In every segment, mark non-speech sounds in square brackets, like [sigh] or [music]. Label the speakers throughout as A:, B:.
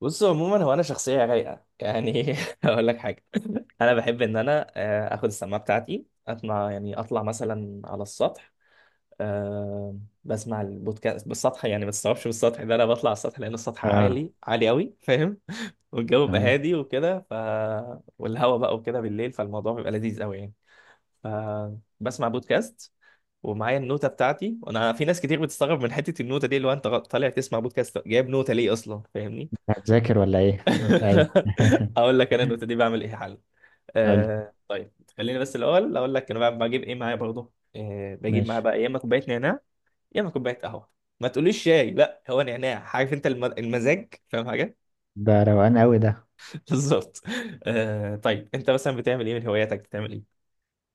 A: بص، عموما هو انا شخصيه رايقه يعني. [laughs] هقول لك حاجه. انا بحب ان انا اخد السماعه بتاعتي اسمع، يعني اطلع مثلا على السطح. آه، بسمع البودكاست بالسطح، يعني ما تستوعبش بالسطح ده، انا بطلع على السطح لان السطح
B: اه،
A: عالي عالي قوي. [laughs] فاهم؟ والجو بيبقى
B: تمام.
A: هادي وكده، ف والهواء بقى وكده بالليل، فالموضوع بيبقى لذيذ قوي يعني. فبسمع بودكاست ومعايا النوتة بتاعتي، وانا في ناس كتير بتستغرب من حتة النوتة دي، اللي هو انت طالع تسمع بودكاست جايب نوتة ليه اصلا، فاهمني؟
B: هتذاكر ولا ايه؟ [laughs] ايوه.
A: [laughs] اقول لك انا النوتة دي بعمل ايه؟ حل.
B: [laughs] قولي.
A: طيب خليني بس الاول اقول لك انا بجيب ايه معايا برضه. بجيب معايا
B: ماشي،
A: بقى يا اما كوبايه نعناع، يا اما كوبايه قهوه. ما تقوليش شاي، لا هو نعناع، عارف انت المزاج، فاهم حاجه؟
B: ده روقان قوي ده.
A: [laughs] بالظبط. طيب انت مثلا بتعمل ايه من هواياتك؟ بتعمل ايه؟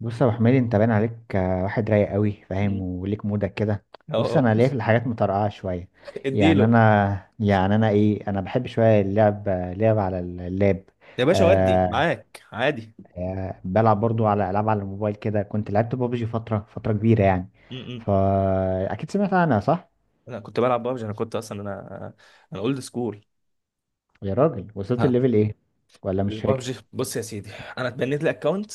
B: بص يا ابو حميد، انت باين عليك واحد رايق قوي، فاهم،
A: مم.
B: وليك مودك كده. بص
A: اه.
B: انا ليا في الحاجات مطرقعه شويه.
A: [laughs]
B: يعني
A: اديله!
B: انا يعني انا ايه انا بحب شويه اللعب، لعب على اللاب.
A: يا باشا ودي
B: آه.
A: معاك عادي.
B: بلعب برضو على العاب على الموبايل كده، كنت لعبت بابجي فتره كبيره يعني.
A: م-م.
B: فا اكيد سمعت عنها، صح؟
A: انا كنت بلعب بابجي، انا كنت اصلا انا، انا اولد سكول.
B: يا راجل، وصلت
A: ها.
B: الليفل ايه؟ ولا مش
A: البابجي،
B: فاكر؟
A: بص يا سيدي، انا اتبنيت لي اكونت.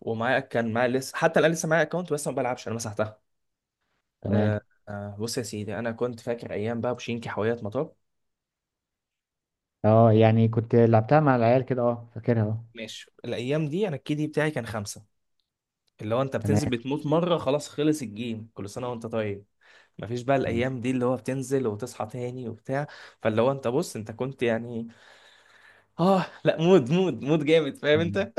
A: كان معايا لسه، حتى الان لسه معايا اكونت، بس ما بلعبش، انا مسحتها.
B: تمام.
A: آه. بص يا سيدي، انا كنت فاكر ايام بقى بوشينكي حلويات مطار.
B: اه يعني، كنت لعبتها مع العيال كده، اه فاكرها اه.
A: ماشي، الايام دي انا الكيدي بتاعي كان خمسه. اللي هو انت
B: تمام.
A: بتنزل بتموت مره، خلاص خلص الجيم، كل سنه وانت طيب. مفيش بقى الايام دي اللي هو بتنزل وتصحى تاني وبتاع. فاللي هو انت بص انت كنت يعني، اه لا، مود مود مود جامد، فاهم
B: أم.
A: انت؟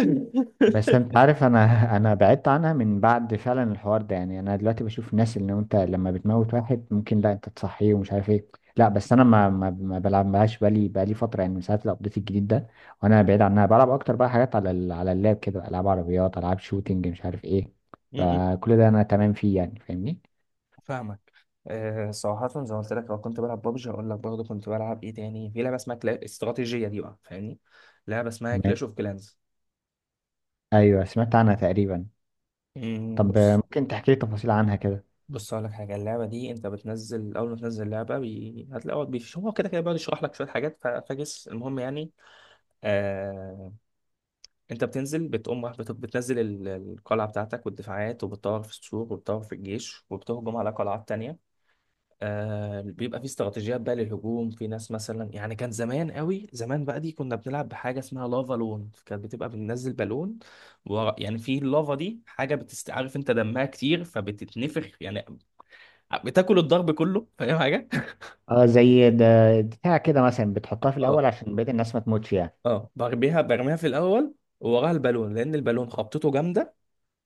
B: بس انت عارف انا، [laughs] انا بعدت عنها من بعد فعلا الحوار ده. يعني انا دلوقتي بشوف الناس، اللي انت لما بتموت واحد ممكن لا انت تصحيه ومش عارف ايه. لا بس انا ما بلعبهاش بقالي فتره يعني، من ساعه الابديت الجديد ده. وانا بعيد عنها، بلعب اكتر بقى حاجات على على اللاب كده، العاب عربيات، العاب شوتينج مش عارف ايه.
A: [laughs]
B: فكل ده انا تمام فيه يعني، فاهمني.
A: فاهمك. أه، صراحة زي ما قلت لك، لو كنت بلعب بابجي هقول لك برضه كنت بلعب ايه تاني. في لعبة اسمها استراتيجية دي بقى، فاهمني؟ لعبة اسمها
B: تمام.
A: كلاش اوف كلانز.
B: ايوه، سمعت عنها تقريبا. طب
A: بص.
B: ممكن تحكي لي تفاصيل عنها كده؟
A: بص هقول لك حاجة، اللعبة دي انت بتنزل، اول ما تنزل لعبة هتلاقي هو هو كده كده بيقعد يشرح لك شوية حاجات، فاكس المهم يعني. أه... انت بتنزل بتقوم راح بتنزل القلعة بتاعتك والدفاعات، وبتطور في السور، وبتطور في الجيش، وبتهجم على قلعات تانية. آه، بيبقى في استراتيجيات بقى للهجوم. في ناس مثلا، يعني كان زمان قوي زمان بقى دي، كنا بنلعب بحاجه اسمها لافا لون، كانت بتبقى بننزل بالون. يعني في اللافا دي حاجه عارف انت دمها كتير فبتتنفخ يعني، بتاكل الضرب كله، فاهم حاجه؟
B: اه زي ده بتاع كده مثلا، بتحطها
A: اه،
B: في الاول
A: اه.
B: عشان بقية الناس ما تموتش يعني.
A: اه، برميها برميها في الاول، ووراها البالون، لان البالون خبطته جامده،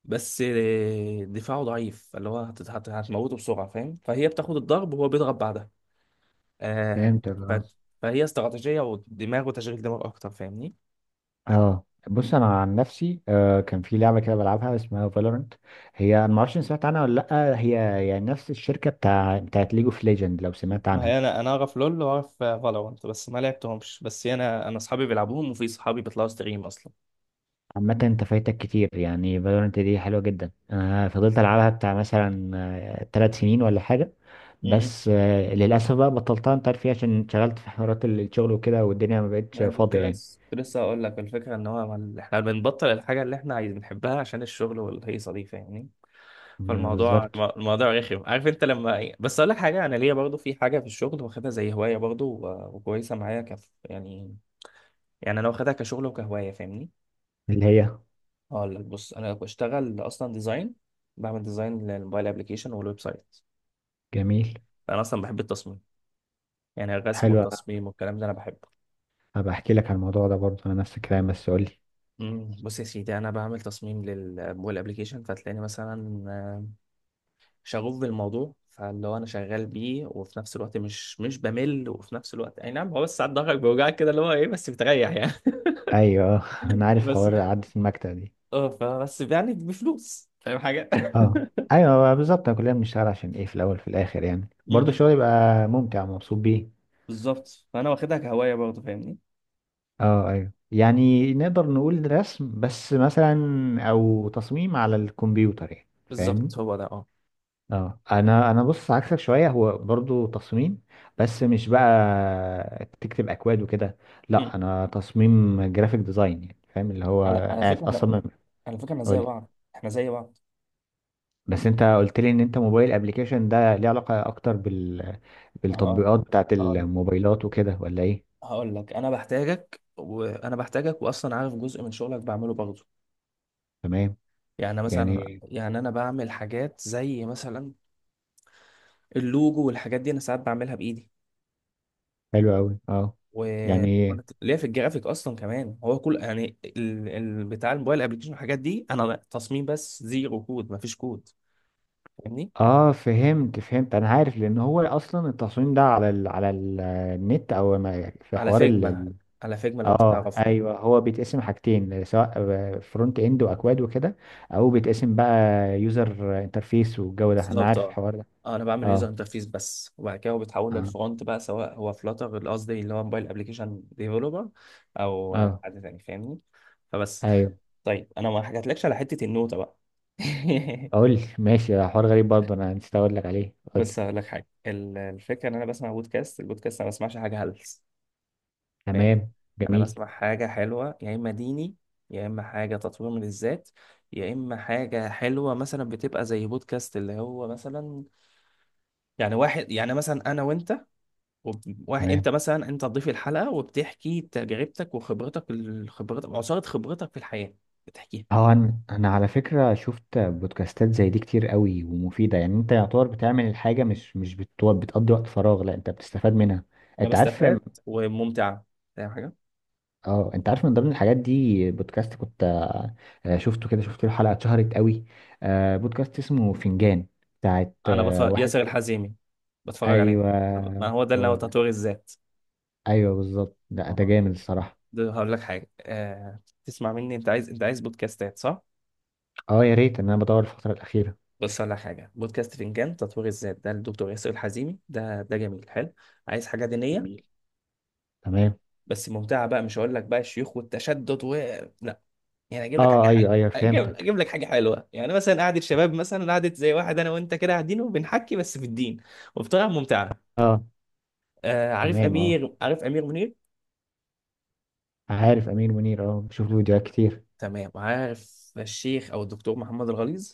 A: بس دفاعه ضعيف، اللي هو هتموته بسرعه، فاهم؟ فهي بتاخد الضرب وهو بيضرب بعدها. آه.
B: فهمتك
A: ف...
B: اه.
A: فهي استراتيجية ودماغ وتشغيل دماغ أكتر، فاهمني؟
B: اه، بص انا عن نفسي آه، كان في لعبه كده بلعبها اسمها فالورنت. هي أنا ما اعرفش إن سمعت عنها ولا لا. هي يعني نفس الشركه بتاعت ليج اوف ليجند، لو سمعت
A: ما
B: عنها.
A: هي انا اعرف لول واعرف فالورانت، بس ما لعبتهمش، بس أنا أصحابي بيلعبوهم، وفي صحابي بيطلعوا ستريم أصلا.
B: عامه انت فايتك كتير يعني، فالورنت دي حلوه جدا، انا فضلت العبها بتاع مثلا ثلاث سنين ولا حاجه.
A: م- م.
B: بس آه، للاسف بقى بطلتها، انت عارف فيها، عشان انشغلت في حوارات الشغل وكده، والدنيا ما بقتش
A: أنا
B: فاضيه يعني.
A: كنت لسه أقول لك الفكرة، إن هو إحنا بنبطل الحاجة اللي إحنا عايزين بنحبها عشان الشغل والهيصة دي، فاهمني؟
B: م-
A: فالموضوع
B: بالظبط.
A: الموضوع رخم، عارف أنت لما إيه، بس أقول لك حاجة، أنا ليا برضو في حاجة في الشغل واخدها زي هواية برضو، وكويسة معايا كف يعني. يعني أنا واخدها كشغل وكهواية، فاهمني؟
B: اللي هي،
A: هقول لك، بص، انا بشتغل اصلا ديزاين. بعمل ديزاين للموبايل ابلكيشن والويب سايت.
B: جميل.
A: انا اصلا بحب التصميم، يعني الرسم
B: حلو.
A: والتصميم والكلام ده انا بحبه.
B: هبقى احكي لك على الموضوع ده برضه، انا نفس الكلام، بس قول لي.
A: بص يا سيدي، انا بعمل تصميم للموبايل ابلكيشن، فتلاقيني مثلا شغوف بالموضوع، فاللي هو انا شغال بيه، وفي نفس الوقت مش بمل، وفي نفس الوقت اي نعم هو، بس ساعات ضهرك بيوجعك كده، اللي هو ايه بس بتريح يعني.
B: ايوه. [laughs] انا
A: [laughs]
B: عارف
A: بس.
B: حوار قعدة المكتب دي.
A: اه فبس، يعني بفلوس، فاهم حاجه؟ [laughs]
B: اه ايوه بالظبط، انا كلنا بنشتغل عشان ايه في الاول في الاخر، يعني
A: م-
B: برضه
A: م.
B: الشغل يبقى ممتع ومبسوط بيه.
A: بالظبط، فانا واخدها كهوايه برضه، فاهمني؟
B: اه ايوه، يعني نقدر نقول رسم بس مثلا، او تصميم على الكمبيوتر يعني.
A: بالظبط،
B: فاهمني.
A: هو ده، اه.
B: اه انا بص، عكسك شويه. هو برضو تصميم، بس مش بقى تكتب اكواد وكده. لا، انا تصميم جرافيك ديزاين، يعني فاهم اللي هو
A: على
B: قاعد
A: فكرة احنا،
B: اصمم.
A: على فكرة احنا زي
B: قولي.
A: بعض. احنا زي بعض.
B: بس انت قلت لي ان انت موبايل ابلكيشن ده، ليه علاقه اكتر بال،
A: هقول
B: بالتطبيقات بتاعت
A: هقول
B: الموبايلات وكده ولا ايه؟
A: هقول لك انا بحتاجك، وانا بحتاجك، واصلا عارف جزء من شغلك بعمله برضه.
B: تمام.
A: يعني مثلا،
B: يعني.
A: يعني انا بعمل حاجات زي مثلا اللوجو والحاجات دي، انا ساعات بعملها بايدي.
B: حلو قوي اه.
A: و...
B: يعني.
A: وانا ليا في الجرافيك اصلا كمان. هو كل يعني بتاع الموبايل ابلكيشن والحاجات دي انا تصميم بس، زيرو كود، مفيش كود، فاهمني؟
B: اه، فهمت فهمت. انا عارف، لان هو اصلا التصميم ده على النت، او ما- في
A: على
B: حوار.
A: فيجما، على فيجما لو انت
B: اه
A: تعرف.
B: ايوه، هو بيتقسم حاجتين، سواء فرونت اند واكواد وكده، او بيتقسم بقى يوزر انترفيس والجو ده، انا
A: بالظبط،
B: عارف
A: اه.
B: الحوار ده.
A: انا بعمل يوزر
B: اه.
A: انترفيس بس، وبعد كده هو بيتحول
B: اه.
A: للفرونت بقى، سواء هو فلاتر، قصدي اللي هو موبايل ابلكيشن ديفلوبر، او
B: اه
A: حد تاني، فاهمني؟ فبس.
B: ايوه.
A: طيب، انا ما حكيتلكش على حته النوتة بقى. [laughs]
B: اقول لي؟ ماشي، ده حوار غريب برضه، انا نسيت اقول لك عليه، اقول لي.
A: بس هقول لك حاجه، الفكره ان انا بسمع البودكاست انا ما بسمعش حاجه هلس، فاهم؟
B: تمام.
A: انا
B: جميل.
A: بسمع حاجه حلوه، يا اما ديني، يا اما حاجه تطوير من الذات، يا اما حاجه حلوه مثلا بتبقى زي بودكاست، اللي هو مثلا يعني واحد، يعني مثلا انا وانت، واحد انت
B: تمام.
A: مثلا، انت ضيف الحلقه وبتحكي تجربتك وخبرتك خبرتك وعصاره خبرتك في الحياه، بتحكيها.
B: اه، انا على فكره شفت بودكاستات زي دي كتير قوي ومفيده يعني، انت يعتبر بتعمل الحاجه، مش مش بتو- بتقضي وقت فراغ، لا انت بتستفاد منها.
A: انا
B: انت عارف؟
A: بستفاد وممتعه، فاهم حاجه؟
B: اه انت عارف، من ضمن الحاجات دي بودكاست كنت، شفته كده، شفت له حلقه اتشهرت قوي، بودكاست اسمه فنجان، بتاعت
A: انا بتفرج
B: واحد
A: ياسر
B: ك-.
A: الحزيمي، بتفرج عليه.
B: ايوه،
A: طب ما هو ده اللي هو
B: هو ده.
A: تطوير الذات.
B: ايوه بالظبط، ده ده
A: آه.
B: جامد الصراحه.
A: ده هقول لك حاجه، تسمع مني. انت عايز، بودكاستات، صح؟
B: اه، يا ريت، ان انا بدور الفتره الاخيره.
A: بص هقول لك حاجه، بودكاست فنجان تطوير الذات ده، الدكتور ياسر الحزيمي ده ده جميل، حلو. عايز حاجه دينيه،
B: جميل. تمام.
A: بس ممتعه بقى، مش هقول لك بقى الشيوخ والتشدد و لا. يعني اجيب
B: اه
A: لك حاجه
B: اه
A: حلوه،
B: ايوه ايوه،
A: اجيب
B: فهمتك
A: اجيب لك حاجه حلوه، يعني مثلا قعده شباب، مثلا قعده زي واحد انا وانت كده قاعدين وبنحكي بس في الدين، وبطريقه ممتعه.
B: اه.
A: آه،
B: تمام. اه،
A: عارف امير منير.
B: عارف امير منير، اه بشوف له فيديوهات كتير.
A: تمام، عارف الشيخ او الدكتور محمد الغليظ؟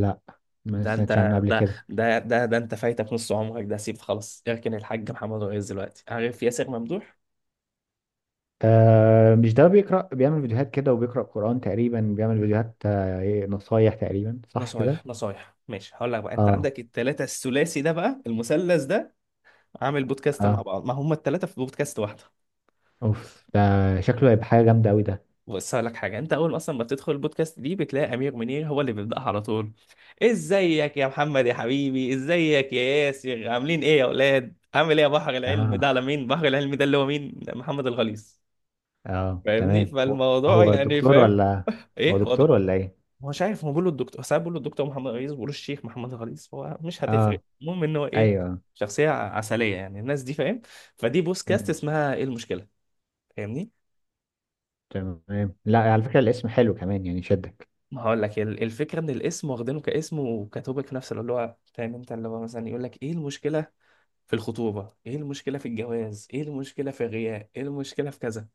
B: لا، ما
A: ده انت،
B: سمعتش عنه قبل كده.
A: ده انت فايتك نص عمرك ده، سيب خلاص، اركن الحاج محمد الغليظ دلوقتي، عارف ياسر ممدوح؟
B: آه، مش ده بيقرأ، بيعمل فيديوهات كده، وبيقرأ قرآن تقريبا، بيعمل فيديوهات آه نصايح تقريبا، صح كده؟
A: نصايح، نصايح، ماشي. هقول لك بقى، انت
B: اه.
A: عندك التلاتة، الثلاثي ده بقى، المثلث ده عامل بودكاست مع
B: اه.
A: بعض، ما هم التلاتة في بودكاست واحدة.
B: اوف، ده شكله هيبقى حاجة جامدة أوي ده.
A: بص هقول لك حاجه، انت اول ما اصلا ما بتدخل البودكاست دي بتلاقي امير منير هو اللي بيبداها على طول: ازيك يا محمد يا حبيبي، ازيك يا ياسر، عاملين ايه يا اولاد، عامل ايه يا بحر العلم؟ ده على
B: اه.
A: مين بحر العلم ده؟ اللي هو مين؟ محمد الغليظ.
B: اه
A: فاهمني؟
B: تمام. هو
A: فالموضوع
B: هو
A: يعني،
B: دكتور
A: فاهم؟
B: ولا. هو
A: ايه، هو ده.
B: دكتور ولا ايه؟
A: هو مش عارف، هو بيقول له الدكتور، ساعات بيقول له الدكتور محمد الغليظ، بيقول له الشيخ محمد الغليظ، هو مش هتفرق،
B: اه.
A: المهم ان هو ايه،
B: ايوه.
A: شخصيه عسليه يعني الناس دي، فاهم؟ فدي بودكاست
B: مم.
A: اسمها ايه المشكله، فاهمني؟
B: تمام. لا على فكرة الاسم حلو كمان يعني، شدك.
A: هقول لك الفكره ان الاسم واخدينه كاسم وكتوبك في نفس الوقت، اللي هو فاهم انت، اللي هو مثلا يقول لك ايه المشكله في الخطوبه، ايه المشكله في الجواز، ايه المشكله في الغياء، ايه المشكله في كذا.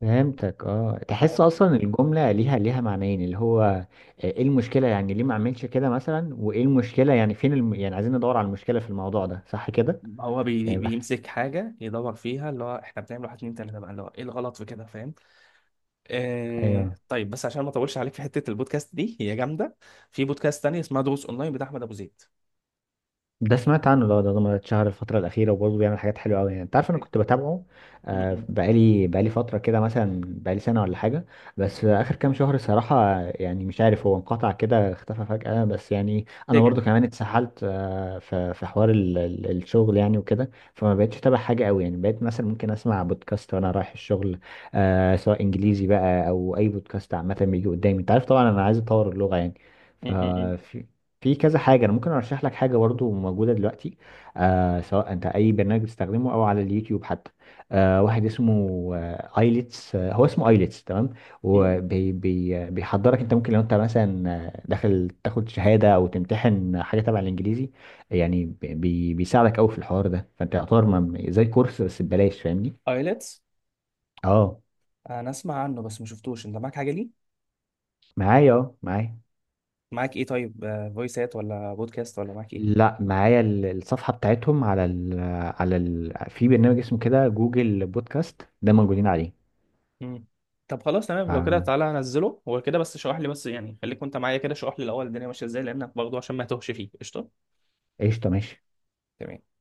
B: فهمتك اه،
A: هو
B: تحس اصلا الجملة ليها ليها معنيين، اللي هو ايه المشكلة يعني، ليه ما اعملش كده مثلا، وايه المشكلة يعني، فين الم-، يعني عايزين ندور على المشكلة في الموضوع ده، صح كده؟
A: هو
B: يعني بح-.
A: بيمسك حاجه يدور فيها، اللي هو احنا بنعمل واحد اتنين تلاته بقى، اللي هو ايه الغلط في كده، فاهم؟ آه،
B: ايوه،
A: طيب بس عشان ما اطولش عليك، في حته البودكاست دي هي جامده. في بودكاست تاني اسمها دروس اونلاين بتاع احمد ابو زيد.
B: ده سمعت عنه، ده ده ده اتشهر الفترة الأخيرة، وبرضه بيعمل حاجات حلوة أوي يعني، أنت عارف. أنا كنت بتابعه
A: م- م.
B: بقالي فترة كده، مثلا بقالي سنة ولا حاجة. بس آخر كام شهر الصراحة يعني، مش عارف هو انقطع كده، اختفى فجأة. بس يعني أنا برضه
A: سجن.
B: كمان اتسحلت في في حوار الشغل يعني وكده، فما بقتش أتابع حاجة أوي يعني، بقيت مثلا ممكن أسمع بودكاست وأنا رايح الشغل، سواء إنجليزي بقى أو أي بودكاست عامة بيجي قدامي. أنت عارف طبعا أنا عايز أطور اللغة يعني.
A: م-
B: ف
A: م-
B: في كذا حاجة أنا ممكن أرشح لك حاجة برضو موجودة دلوقتي. آه، سواء أنت أي برنامج بتستخدمه أو على اليوتيوب حتى. آه، واحد اسمه ايلتس، آه هو اسمه ايلتس، تمام.
A: م. م- م.
B: وبيحضرك أنت، ممكن لو أنت مثلا داخل تاخد شهادة أو تمتحن حاجة تبع الإنجليزي، يعني بيساعدك أوي في الحوار ده، فأنت يعتبر ما- زي كورس بس ببلاش، فاهمني؟
A: ايلتس.
B: أه،
A: انا اسمع عنه، بس ما شفتوش، انت معاك حاجه ليه؟
B: معايا أه معايا.
A: معاك ايه؟ طيب فويسات ولا بودكاست ولا معاك ايه؟
B: لا معايا الصفحة بتاعتهم على ال على ال في برنامج اسمه كده جوجل بودكاست، ده موجودين عليه.
A: مم. طب خلاص، تمام. لو كده
B: فقشطة.
A: تعالى هنزله، هو كده بس شرح لي، بس يعني خليك وانت معايا كده، شرح لي الاول الدنيا ماشيه ازاي، لانك برضه عشان ما تهش فيه قشطه.
B: ماشي.
A: تمام.